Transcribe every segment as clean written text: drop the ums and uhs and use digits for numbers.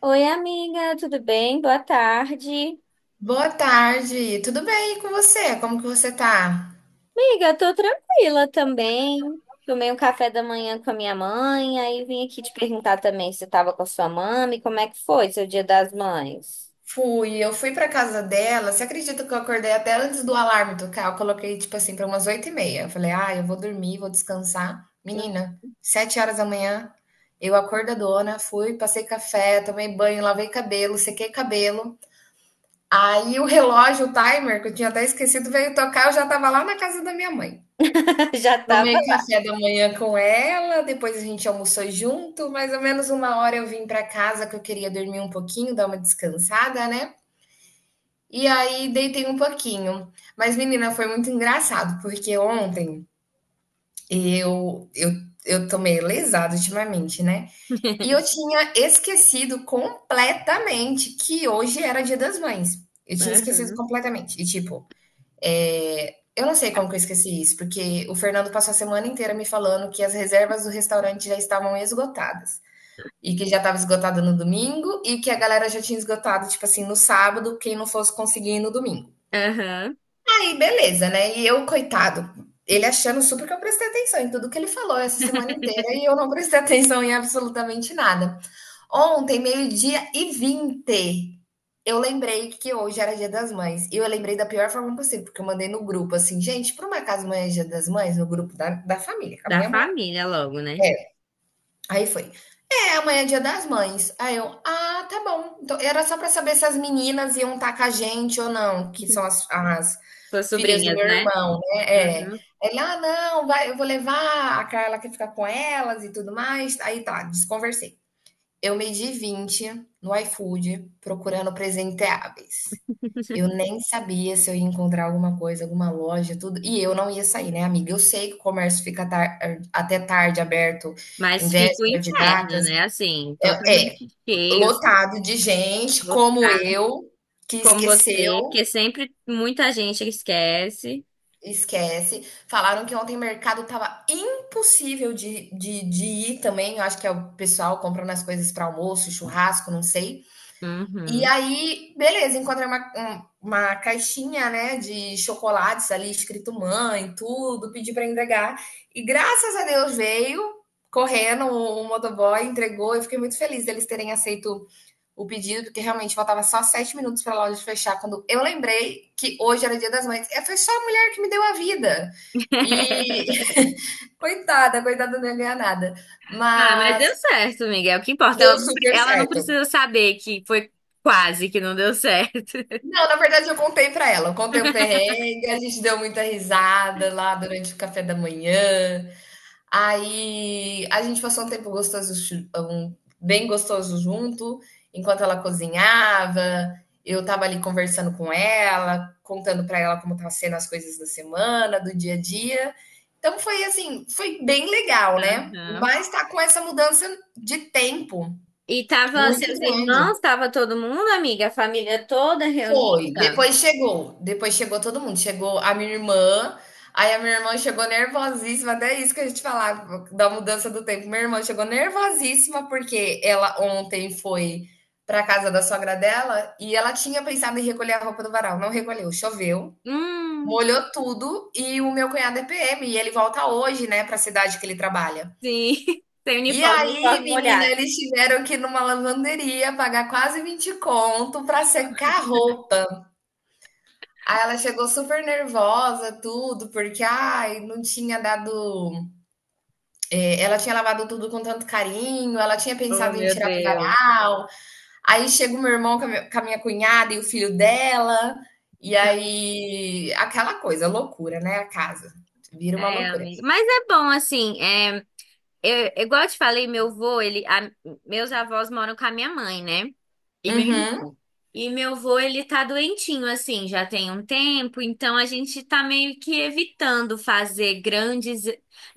Oi, amiga, tudo bem? Boa tarde. Boa tarde, tudo bem e com você? Como que você tá? Amiga, tô tranquila também. Tomei um café da manhã com a minha mãe, aí vim aqui te perguntar também se você tava com a sua mãe, como é que foi seu Dia das Mães? Fui, eu fui pra casa dela. Você acredita que eu acordei até antes do alarme tocar? Eu coloquei tipo assim pra umas 8:30. Eu falei, ah, eu vou dormir, vou descansar. Hum? Menina, 7 horas da manhã, eu acordadona, fui, passei café, tomei banho, lavei cabelo, sequei cabelo. Aí o relógio, o timer, que eu tinha até esquecido, veio tocar. Eu já tava lá na casa da minha mãe. Já tava Tomei lá. café da manhã com ela, depois a gente almoçou junto, mais ou menos 1 hora eu vim para casa que eu queria dormir um pouquinho, dar uma descansada, né? E aí deitei um pouquinho. Mas, menina, foi muito engraçado, porque ontem eu eu eu tô meio lesada ultimamente, né? E eu tinha esquecido completamente que hoje era Dia das Mães. Eu tinha esquecido Aham, completamente. E tipo, eu não sei como que eu esqueci isso, porque o Fernando passou a semana inteira me falando que as reservas do restaurante já estavam esgotadas. E que já estava esgotada no domingo e que a galera já tinha esgotado, tipo assim, no sábado, quem não fosse conseguir ir no domingo. aham. Aí, beleza, né? E eu, coitado, ele achando super que eu prestei atenção em tudo que ele falou essa semana inteira e eu não prestei atenção em absolutamente nada. Ontem, 12:20. Eu lembrei que hoje era Dia das Mães. E eu lembrei da pior forma possível, porque eu mandei no grupo assim, gente, por uma casa amanhã é Dia das Mães? No grupo da família, com a Da minha mãe lá. família logo, né? É. Aí foi, amanhã é Dia das Mães. Aí eu, ah, tá bom. Então, era só pra saber se as meninas iam estar com a gente ou não, que são as Suas filhas do sobrinhas, meu né? irmão, né? Aham. É. Ele, ah, não, vai, eu vou levar a Carla que fica com elas e tudo mais. Aí tá, desconversei. Eu medi 20 no iFood procurando presenteáveis. Eu nem sabia se eu ia encontrar alguma coisa, alguma loja, tudo. E eu não ia sair, né, amiga? Eu sei que o comércio fica até tarde aberto em Mas fica o véspera de inferno, datas. né? Assim, É, é, totalmente cheio, lotado de gente como lotado, eu, que como você, porque esqueceu, sempre muita gente esquece. esquece. Falaram que ontem o mercado tava impossível de ir também. Eu acho que é o pessoal comprando as coisas para almoço, churrasco, não sei. E Uhum. aí, beleza, encontrei uma caixinha, né, de chocolates ali, escrito mãe, tudo, pedi para entregar. E graças a Deus veio correndo o motoboy, entregou. Eu fiquei muito feliz deles terem aceito o pedido, porque realmente faltava só 7 minutos para a loja fechar. Quando eu lembrei que hoje era Dia das Mães, é, foi só a mulher que me deu a vida. E coitada, coitada, não ia ganhar nada. Ah, mas Mas deu certo, Miguel. O que importa? deu Ela não, super ela não certo. precisa saber que foi quase que não deu certo. Não, na verdade eu contei pra ela, eu contei o perrengue, a gente deu muita risada lá durante o café da manhã. Aí a gente passou um tempo gostoso, bem gostoso junto, enquanto ela cozinhava, eu tava ali conversando com ela, contando pra ela como tava sendo as coisas da semana, do dia a dia. Então foi assim, foi bem legal, né? Aham. Mas tá com essa mudança de tempo E tava muito seus grande. irmãos, tava todo mundo, amiga, a família toda Foi, reunida? Depois chegou todo mundo, chegou a minha irmã, aí a minha irmã chegou nervosíssima, até isso que a gente falava da mudança do tempo. Minha irmã chegou nervosíssima porque ela ontem foi para casa da sogra dela e ela tinha pensado em recolher a roupa do varal, não recolheu, choveu, Hum, molhou tudo e o meu cunhado é PM e ele volta hoje, né, para a cidade que ele trabalha. sim. Sem E uniforme, aí, uniforme menina, molhado. eles tiveram que ir numa lavanderia pagar quase 20 conto para secar a roupa. Aí ela chegou super nervosa, tudo, porque ai, não tinha dado. Ela tinha lavado tudo com tanto carinho, ela tinha Oh, pensado em meu tirar do Deus. varal. Aí chega o meu irmão com a minha cunhada e o filho dela. E aí, aquela coisa, loucura, né? A casa. Vira uma É, loucura. amiga. Mas é bom, assim, é, eu, igual eu te falei, meu avô, ele, meus avós moram com a minha mãe, né? E meu Uhum. irmão. E meu avô, ele tá doentinho, assim, já tem um tempo, então a gente tá meio que evitando fazer grandes,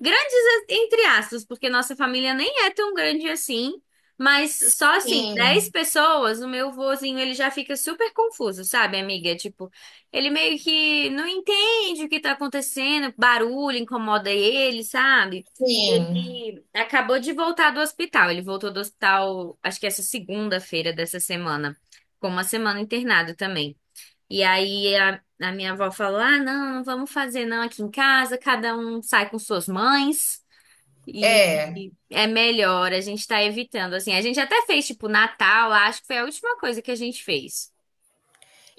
grandes entre aspas, porque nossa família nem é tão grande assim, mas só assim, dez Sim, pessoas, O meu vozinho ele já fica super confuso, sabe, amiga? Tipo, ele meio que não entende o que tá acontecendo, barulho incomoda ele, sabe? sim. Ele acabou de voltar do hospital. Ele voltou do hospital, acho que essa segunda-feira dessa semana. Ficou uma semana internado também. E aí a minha avó falou: ah, não, não vamos fazer não aqui em casa. Cada um sai com suas mães. E, É. e é melhor, a gente tá evitando. Assim, a gente até fez tipo Natal, acho que foi a última coisa que a gente fez.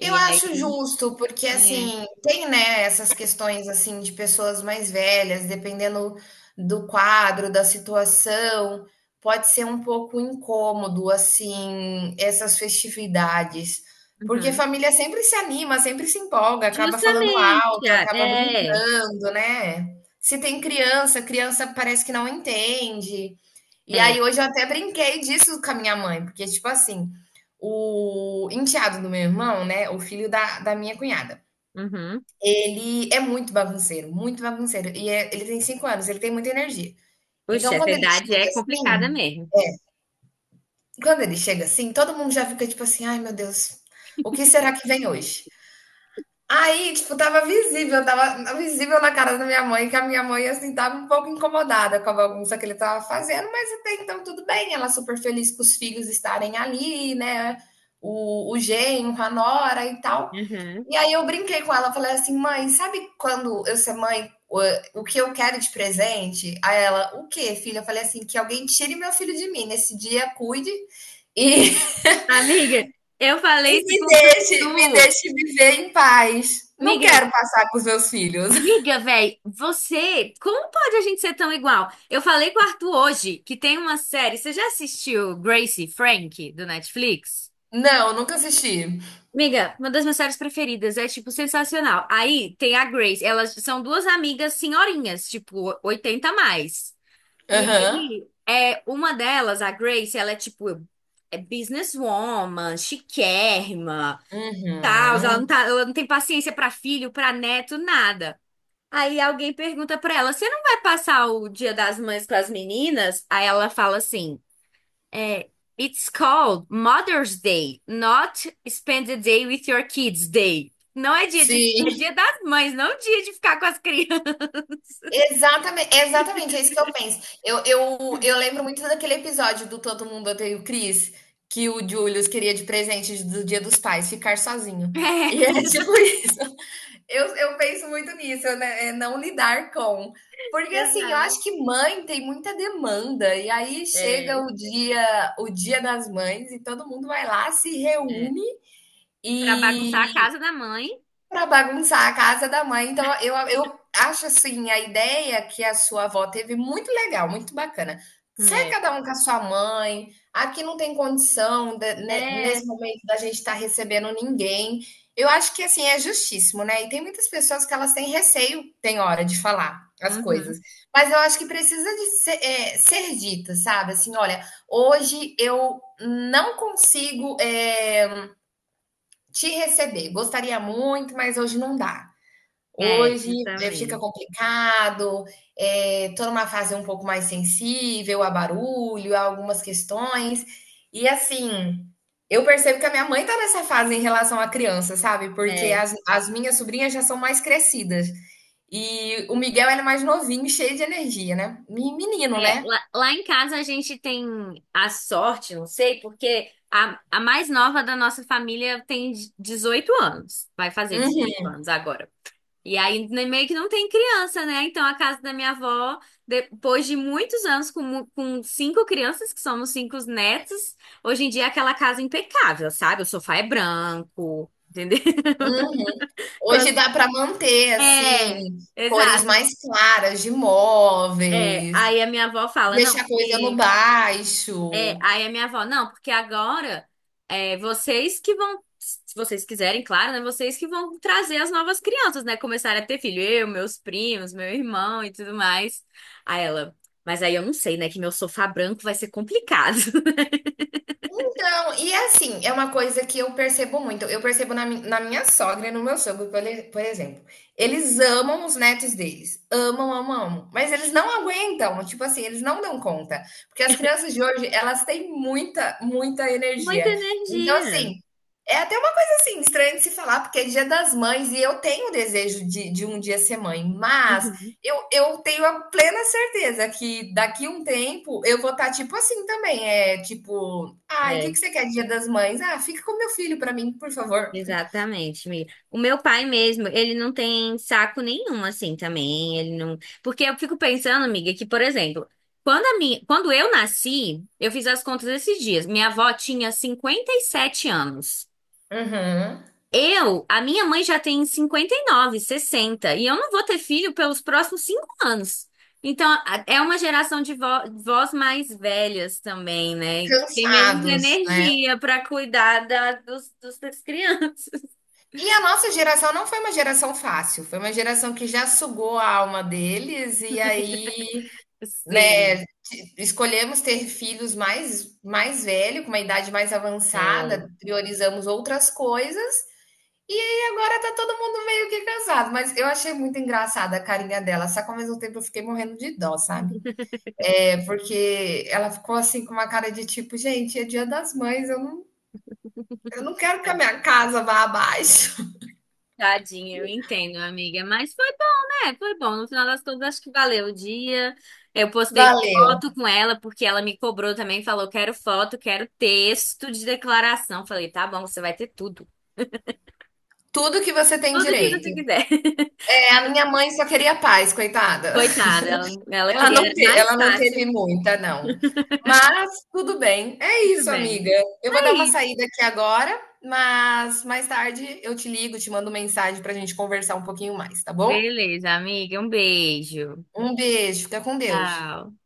Eu acho aí, justo, porque é, assim, tem, né, essas questões assim de pessoas mais velhas, dependendo do quadro, da situação, pode ser um pouco incômodo assim essas festividades, porque uhum. família sempre se anima, sempre se empolga, acaba falando Justamente, alto, ah, acaba é, brincando, né? Se tem criança, criança parece que não entende. E é, aí hoje eu até brinquei disso com a minha mãe, porque, tipo assim, o enteado do meu irmão, né, o filho da minha cunhada, uhum. ele é muito bagunceiro, e ele tem 5 anos, ele tem muita energia. Puxa, Então essa idade é complicada mesmo. quando ele chega assim, todo mundo já fica tipo assim: "Ai meu Deus, o que será que vem hoje?". Aí, tipo, tava visível na cara da minha mãe, que a minha mãe, assim, tava um pouco incomodada com a bagunça que ele tava fazendo, mas até então tudo bem, ela super feliz com os filhos estarem ali, né? O genro, a nora e tal. Uhum. E aí eu brinquei com ela, falei assim, mãe, sabe quando eu ser mãe, o que eu quero de presente? Aí ela, o quê, filha? Eu falei assim, que alguém tire meu filho de mim, nesse dia cuide e Amiga, eu falei e isso me com tu. deixe, me tu. deixe viver em paz. Não Amiga, quero passar com os meus filhos. amiga, velho, você, como pode a gente ser tão igual? Eu falei com o Arthur hoje que tem uma série. Você já assistiu Gracie Frank do Netflix? Não, nunca assisti. Amiga, uma das minhas séries preferidas, é tipo sensacional. Aí tem a Grace, elas são duas amigas senhorinhas, tipo 80 a mais. E Aham. aí, é uma delas, a Grace, ela é tipo businesswoman, chiquérrima. Tal, ela não Uhum. tá, ela não tem paciência pra filho, pra neto, nada. Aí alguém pergunta pra ela: "Você não vai passar o Dia das Mães com as meninas?" Aí ela fala assim: "É, it's called Mother's Day, not spend the day with your kids day." Não é dia de, é dia Sim. das mães, não dia de ficar com as crianças. Exatamente, exatamente, é isso que eu penso. Eu lembro muito daquele episódio do Todo Mundo Odeia o Chris, que o Julius queria de presente do Dia dos Pais, ficar sozinho. E é tipo isso. Eu penso muito nisso, né? É não lidar com. Porque É, assim, eu exato. acho que mãe tem muita demanda, e aí chega É, o dia das mães, e todo mundo vai lá, se é. reúne Pra e bagunçar a casa da mãe. para bagunçar a casa da mãe. Então eu acho, assim, a ideia que a sua avó teve muito legal, muito bacana. Sai É. cada um com a sua mãe, aqui não tem condição da ne É. nesse momento da gente estar recebendo ninguém. Eu acho que, assim, é justíssimo, né, e tem muitas pessoas que elas têm receio, tem hora, de falar as Uhum. coisas. Mas eu acho que precisa de ser, ser dita, sabe, assim: "Olha, hoje eu não consigo, te receber, gostaria muito, mas hoje não dá". É, Hoje, fica justamente. complicado, tô numa fase um pouco mais sensível a barulho, a algumas questões. E assim, eu percebo que a minha mãe está nessa fase em relação à criança, sabe, porque É. as minhas sobrinhas já são mais crescidas. E o Miguel ele é mais novinho, cheio de energia, né. Me menino, É, né. lá, lá em casa a gente tem a sorte, não sei, porque a mais nova da nossa família tem 18 anos, vai fazer 18 Uhum, anos agora. E aí né, meio que não tem criança, né? Então a casa da minha avó, depois de muitos anos com cinco crianças, que somos cinco netos, hoje em dia é aquela casa é impecável, sabe? O sofá é branco, entendeu? uhum. Hoje Quando- dá para manter, é, assim, cores exato. mais claras de É, móveis, aí a minha avó fala, não, deixar a coisa no porque é, baixo. aí a minha avó, não, porque agora é vocês que vão, se vocês quiserem, claro, né? Vocês que vão trazer as novas crianças, né? Começarem a ter filho, eu, meus primos, meu irmão e tudo mais. Aí ela, mas aí eu não sei, né? Que meu sofá branco vai ser complicado. Então, e é assim, é uma coisa que eu percebo muito. Eu percebo na minha sogra e no meu sogro, por exemplo. Eles amam os netos deles. Amam, amam, amam. Mas eles não aguentam. Tipo assim, eles não dão conta. Porque as crianças de hoje, elas têm muita, muita Muita energia. Então, energia. assim, é até uma coisa assim, estranha de se falar, porque é dia das mães e eu tenho o desejo de um dia ser mãe. Mas Uhum. eu tenho a plena certeza que daqui a um tempo eu vou estar tipo assim também. É tipo, ai, o que É. que você quer Dia das Mães? Ah, fica com meu filho para mim, por favor. Exatamente, amiga. O meu pai mesmo, ele não tem saco nenhum assim também, ele não, porque eu fico pensando, amiga, que por exemplo, quando eu nasci, eu fiz as contas esses dias. Minha avó tinha 57 anos. Uhum. Eu, a minha mãe já tem 59, 60, e eu não vou ter filho pelos próximos 5 anos. Então, a- é uma geração de vós mais velhas também, né? Que tem menos Cansados, né? energia para cuidar das crianças. E a nossa geração não foi uma geração fácil, foi uma geração que já sugou a alma deles e aí, né, Sim, escolhemos ter filhos mais velho, com uma idade mais é, avançada, priorizamos outras coisas. E aí agora tá todo mundo meio que cansado, mas eu achei muito engraçada a carinha dela, só que ao mesmo tempo eu fiquei morrendo de dó, sabe? É porque ela ficou assim com uma cara de tipo, gente, é Dia das Mães, eu não quero que tá, a minha casa vá abaixo. tadinha, eu entendo, amiga, mas foi bom, né? Foi bom, no final das contas, acho que valeu o dia. Eu postei Valeu. foto com ela, porque ela me cobrou também, falou, quero foto, quero texto de declaração. Falei, tá bom, você vai ter tudo, Tudo que você tem tudo que direito. você quiser. É, a minha mãe só queria paz, coitada. Coitada, ela queria mais Ela não teve fácil. muita, não. Mas tudo bem. É Tudo isso, amiga. bem. Eu vou É dar uma isso. saída aqui agora, mas mais tarde eu te ligo, te mando mensagem para a gente conversar um pouquinho mais, tá bom? Beleza, amiga, um beijo. Um beijo, fica com Deus. Tchau.